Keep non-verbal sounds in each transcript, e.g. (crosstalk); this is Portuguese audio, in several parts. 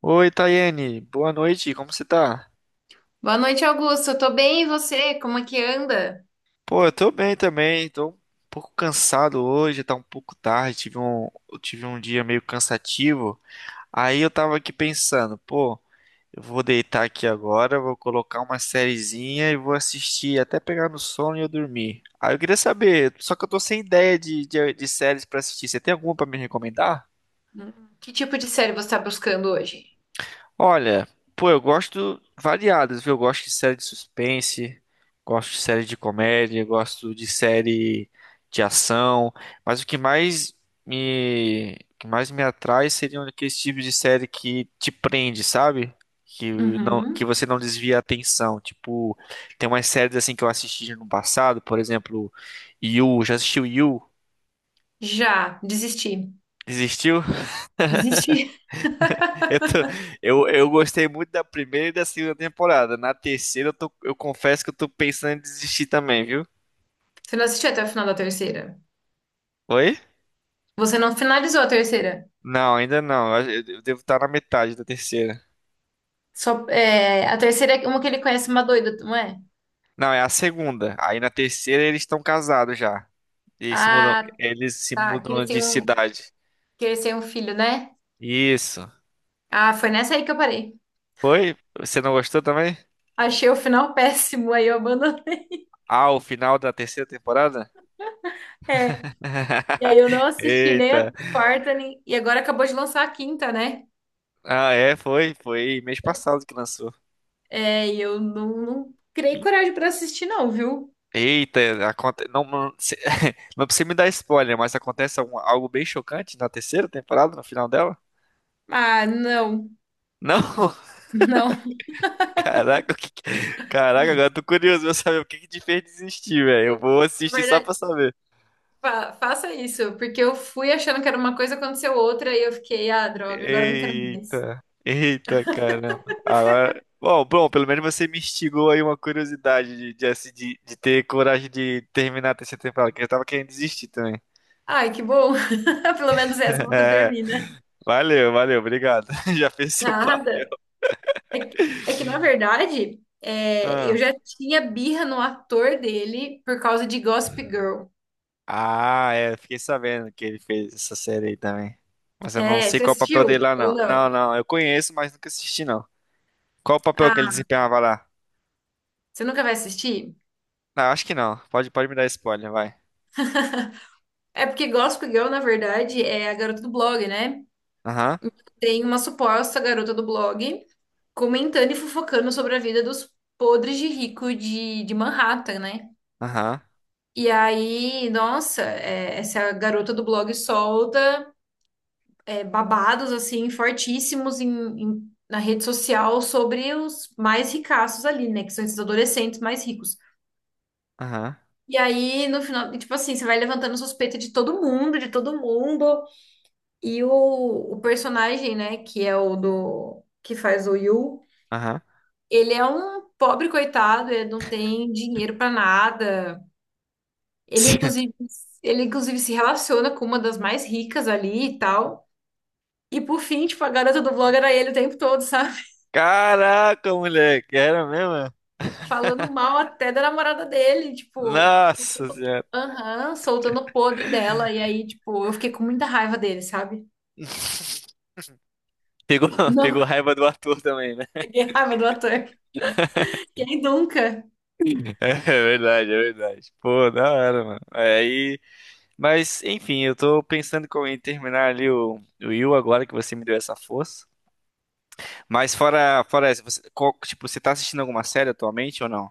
Oi, Tayene. Boa noite, como você tá? Boa noite, Augusto. Eu tô bem, e você? Como é que anda? Pô, eu tô bem também, tô um pouco cansado hoje, tá um pouco tarde, eu tive um dia meio cansativo. Aí eu tava aqui pensando, pô, eu vou deitar aqui agora, vou colocar uma sériezinha e vou assistir até pegar no sono e eu dormir. Aí eu queria saber, só que eu tô sem ideia de séries pra assistir, você tem alguma pra me recomendar? Hum, Que tipo de série você tá buscando hoje? Olha, pô, eu gosto variadas, viu? Eu gosto de série de suspense, gosto de série de comédia, gosto de série de ação, mas o que mais o que mais me atrai seriam aqueles tipos de série que te prende, sabe? Que não, que Uhum. você não desvia a atenção. Tipo, tem umas séries assim que eu assisti no passado, por exemplo, You, já assistiu You? Já, desisti. Existiu? Desisti. Eu, tô- eu gostei muito da primeira e da segunda temporada. Na terceira, eu confesso que eu tô pensando em desistir também, viu? (laughs) Você não assistiu até o final da terceira? Oi? Você não finalizou a terceira? Não, ainda não. Eu devo estar na metade da terceira. Só, é, a terceira é uma que ele conhece uma doida, não é? Não, é a segunda. Aí na terceira eles estão casados já. E se mudam, Ah, eles se tá. Que ele mudam de tem um, cidade. que ele tem um filho, né? Isso. Ah, foi nessa aí que eu parei. Foi? Você não gostou também? Achei o final (laughs) péssimo, aí eu abandonei. Ah, o final da terceira temporada? É. E aí (laughs) eu não assisti nem Eita. a quarta, nem e agora acabou de lançar a quinta, né? Ah, é, foi. Foi mês passado que lançou. É, e eu não criei coragem pra assistir, não, viu? Eita, aconte... não, não, se- (laughs) não precisa me dar spoiler, mas acontece algo bem chocante na terceira temporada, no final dela? Ah, não, Não, (laughs) (laughs) não. caraca, o que... que- caraca, agora eu tô curioso pra saber o que que te fez desistir, velho. Eu Eu- vou Na assistir só pra verdade, saber. Faça isso, porque eu fui achando que era uma coisa, aconteceu outra, e eu fiquei, ah, droga, agora eu não quero mais. Eita, eita, caramba. Agora, bom, pelo menos você me instigou aí uma curiosidade de ter coragem de terminar a terceira temporada, que eu tava querendo desistir também. (laughs) Ai, que bom. (laughs) Pelo menos essa você É, termina. Valeu, obrigado. (laughs) Já fez seu papel. Nada. É que na verdade, é, eu Ah. já tinha birra no ator dele por causa de Gossip Girl. Ah, é, eu fiquei sabendo que ele fez essa série aí também. Mas eu não É, sei você qual é o papel dele assistiu lá, não. ou não? Eu conheço, mas nunca assisti, não. Qual o papel que ele Ah, desempenhava lá? você nunca vai assistir? Não, acho que não. Pode me dar spoiler, vai. É porque Gossip Girl, na verdade, é a garota do blog, né? Aham, Tem uma suposta garota do blog comentando e fofocando sobre a vida dos podres de rico de Manhattan, né? aham, E aí, nossa, é, essa garota do blog solta, é, babados, assim, fortíssimos na rede social sobre os mais ricaços ali, né? Que são esses adolescentes mais ricos. aham, E aí, no final, tipo assim, você vai levantando suspeita de todo mundo, de todo mundo. E o personagem, né, que é o do que faz o Yu. aham. Ele é um pobre coitado, ele não tem dinheiro pra nada. Ele (laughs) inclusive, ele inclusive se relaciona com uma das mais ricas ali e tal. E por fim, tipo, a garota do blog era ele o tempo todo, sabe? Caraca, moleque, era mesmo? (laughs) Falando mal até da namorada dele, tipo, Nossa senhora. aham, soltando o podre dela. E aí, tipo, eu fiquei com muita raiva dele, sabe? (laughs) Pegou, Não, pegou raiva do ator também, né? (laughs) fiquei raiva do ator. Quem nunca? (laughs) É verdade, é verdade. Pô, da hora, mano. Aí. Mas, enfim, eu tô pensando co- em terminar ali o Yu agora que você me deu essa força. Mas fora essa, tipo, você tá assistindo alguma série atualmente ou não?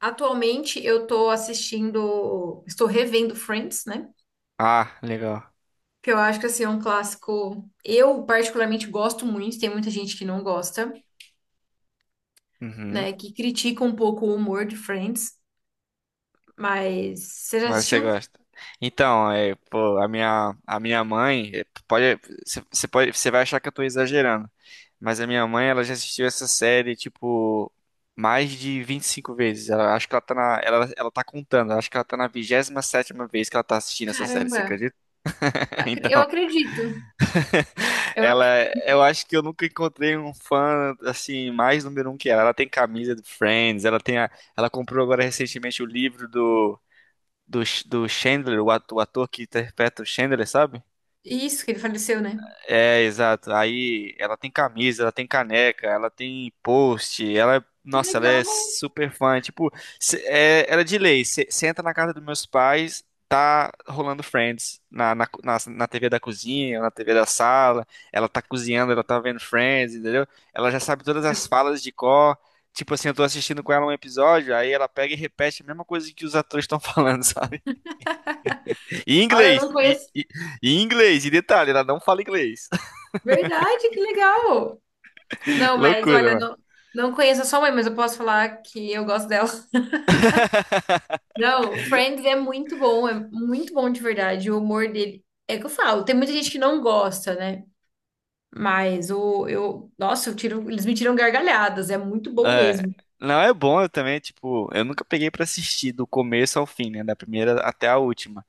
Atualmente eu tô assistindo, estou revendo Friends, né? Ah, legal. Que eu acho que assim, é um clássico. Eu particularmente gosto muito, tem muita gente que não gosta, Uhum. né? Que critica um pouco o humor de Friends, mas você já Mas você assistiu? gosta. Então, é, pô, a minha mãe, você pode, você vai achar que eu tô exagerando, mas a minha mãe, ela já assistiu essa série, tipo, mais de 25 vezes. Acho que ela tá contando, acho que ela tá na vigésima sétima vez que ela tá assistindo essa série, você Caramba, acredita? (laughs) Então, eu acredito. Eu Ela, ac- eu acho que eu nunca encontrei um fã assim mais número um que ela. Ela tem camisa do Friends, ela comprou agora recentemente o livro do Chandler, o ator que interpreta o Chandler, sabe? Isso, que ele faleceu, né? É, exato. Aí ela tem camisa, ela tem caneca, ela tem post, Que nossa, ela é legal! super fã. Tipo, é, era de lei. Você entra na casa dos meus pais, tá rolando Friends na TV da cozinha, na TV da sala. Ela tá cozinhando, ela tá vendo Friends, entendeu? Ela já sabe todas as falas de cor. Tipo assim, eu tô assistindo com ela um episódio, aí ela pega e repete a mesma coisa que os atores estão falando, (laughs) sabe? E em Olha, eu inglês, não conheço. E em inglês, e detalhe, ela não fala inglês. Verdade, que legal! (laughs) Não, mas olha, Loucura, não, não conheço a sua mãe, mas eu posso falar que eu gosto dela. Não, Friends é muito bom de verdade. O humor dele. É o que eu falo, tem muita gente que não gosta, né? Mas o, eu, nossa, eles me tiram gargalhadas, é muito bom é. mesmo. Não, é bom, eu também, tipo, eu nunca peguei pra assistir do começo ao fim, né? Da primeira até a última.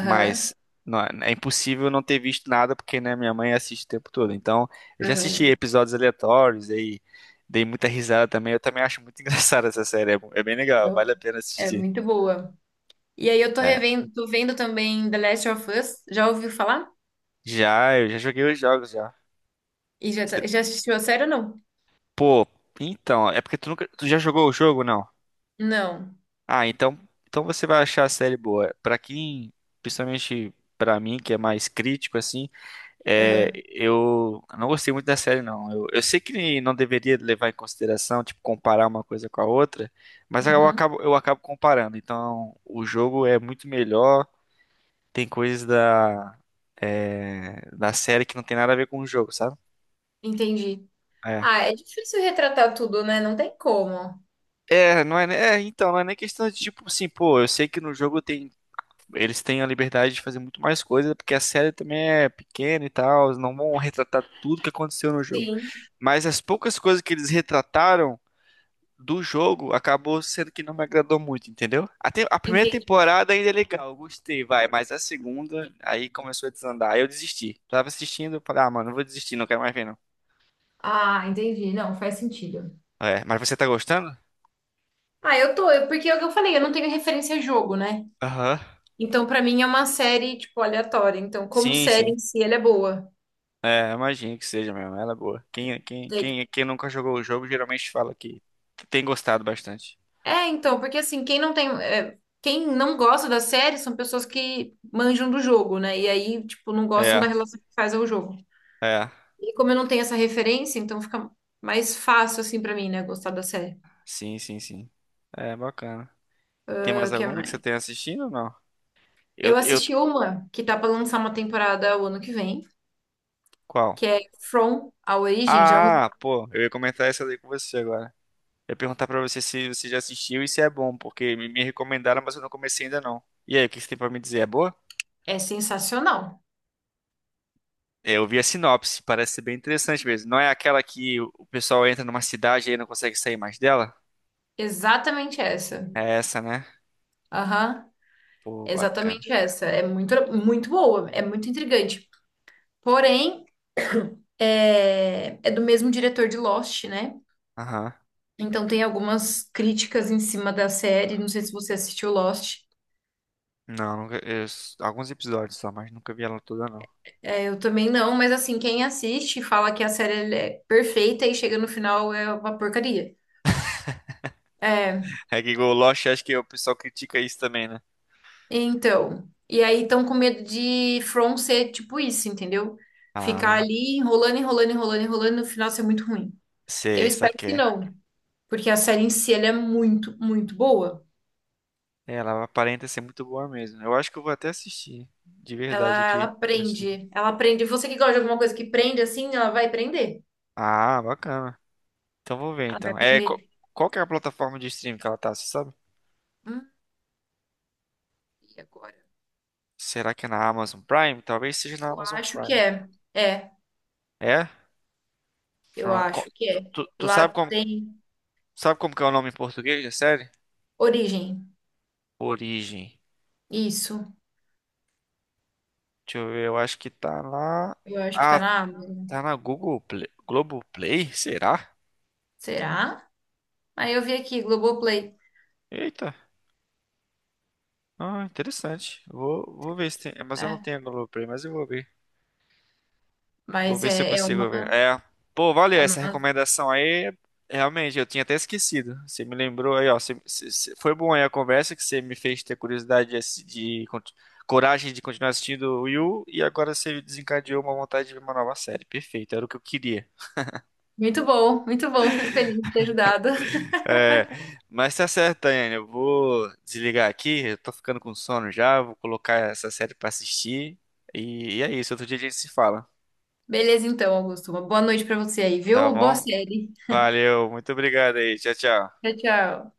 Mas não, é impossível não ter visto nada, porque, né, minha mãe assiste o tempo todo. Então, eu já assisti aham. episódios aleatórios, aí dei muita risada também. Eu também acho muito (laughs) engraçada essa série. É, é bem legal, Eu- vale a pena É assistir. muito boa. E aí eu tô É. revendo, tô vendo também The Last of Us, já ouviu falar? Já, eu já joguei os jogos já. E já, Cê- já assistiu a série ou não? Pô, então, é porque tu nunca. Tu já jogou o jogo, não? Não. Ah, então, então você vai achar a série boa. Pra quem, principalmente pra mim, que é mais crítico assim, é, Aham. eu não gostei muito da série não. Eu sei que não deveria levar em consideração, tipo, comparar uma coisa com a outra, mas Uhum. Eu acabo comparando. Então, o jogo é muito melhor, tem coisas da é, da série que não tem nada a ver com o jogo, sabe? Entendi. É. Ah, é difícil retratar tudo, né? Não tem como. É, não é, ne- é, então, não é nem questão de tipo assim, pô, eu sei que no jogo tem eles têm a liberdade de fazer muito mais coisa, porque a série também é pequena e tal, eles não vão retratar tudo que aconteceu no jogo. Sim, Mas as poucas coisas que eles retrataram do jogo acabou sendo que não me agradou muito, entendeu? A primeira entendi. temporada ainda é legal, eu gostei, vai, mas a segunda aí começou a desandar, aí eu desisti. Tava assistindo, falei, ah, mano, eu vou desistir, não quero mais ver não. Ah, entendi. Não, faz sentido. É, mas você tá gostando? Ah, eu tô, porque é o que eu falei, eu não tenho referência a jogo, né? Aham. Então, pra mim é uma série, tipo, aleatória. Então, como Sim, série sim. em si, ela é boa. É, imagino que seja mesmo, ela é boa. Quem, quem, Daí, tipo, quem, quem nunca jogou o jogo geralmente fala que tem gostado bastante. é, então, porque assim, quem não tem, é, quem não gosta da série são pessoas que manjam do jogo, né? E aí, tipo, não gostam É, da relação que faz ao jogo. é. E como eu não tenho essa referência, então fica mais fácil assim pra mim, né, gostar da série. Sim, sim, sim. É bacana. Tem Ah, mais o que alguma que você mais? tenha assistindo ou não? Eu, Eu eu... assisti uma que tá pra lançar uma temporada o ano que vem, Qual? que é From a Origem, já Ah, pô, eu ia comentar essa daí com você agora. Eu ia perguntar pra você se você já assistiu e se é bom, porque me recomendaram, mas eu não comecei ainda não. E aí, o que você tem pra me dizer? É boa? é sensacional. É, eu vi a sinopse, parece ser bem interessante mesmo. Não é aquela que o pessoal entra numa cidade e aí não consegue sair mais dela? Exatamente essa. É essa, né? Aham. Pô, É bacana. exatamente essa. É muito, muito boa, é muito intrigante. Porém, (coughs) é, é do mesmo diretor de Lost, né? Aham. Então tem algumas críticas em cima da série. Não sei se você assistiu Lost. Não, nunca, eu- alguns episódios só, mas nunca vi ela toda, não. É, eu também não, mas assim, quem assiste fala que a série ela é perfeita e chega no final é uma porcaria. É, Hack Go Lost, acho que o pessoal critica isso também, né? então. E aí estão com medo de From ser tipo isso, entendeu? Ficar Ah, ali enrolando, enrolando, enrolando, enrolando, no final ser muito ruim. Eu sei, espero que saquei. não. Porque a série em si, ela é muito, muito boa. É, ela aparenta ser muito boa mesmo, né? Eu acho que eu vou até assistir, de verdade Ela, aqui, ela prende. Ela prende. Você que gosta de alguma coisa que prende assim, ela vai prender. ah, bacana. Então vou ver Ela vai então. É, prender. qual que é a plataforma de streaming que ela tá, você sabe? Hum, e agora? Será que é na Amazon Prime? Talvez seja na Eu Amazon acho que Prime. é. É, É? eu acho que é. Tu Lá tem sabe como que é o nome em português da série? origem. Origem. Isso. Deixa eu ver, eu acho que tá lá. Eu acho que tá Ah, na Amazon. tá na Google Play. Globoplay? Será? Será? Aí eu vi aqui, Globoplay. Eita. Ah, interessante. Vou ver se tem. É, mas eu não É, tenho Globoplay, mas eu vou ver. Vou mas ver se eu é consigo ver. uma, É. Pô, valeu é essa uma. recomendação aí. Realmente, eu tinha até esquecido. Você me lembrou aí, ó. Foi bom aí a conversa que você me fez ter curiosidade de coragem de continuar assistindo o Yu. E agora você desencadeou uma vontade de ver uma nova série. Perfeito, era o que eu queria. Muito bom, muito bom. Fico feliz de ter ajudado. É, mas tá certo, Daiane. Eu vou desligar aqui. Eu tô ficando com sono já. Vou colocar essa série pra assistir. E é isso. Outro dia a gente se fala. Beleza, então, Augusto. Uma boa noite pra você aí, Tá viu? Boa bom? série. Valeu, muito obrigado aí. Tchau, tchau. Tchau, tchau.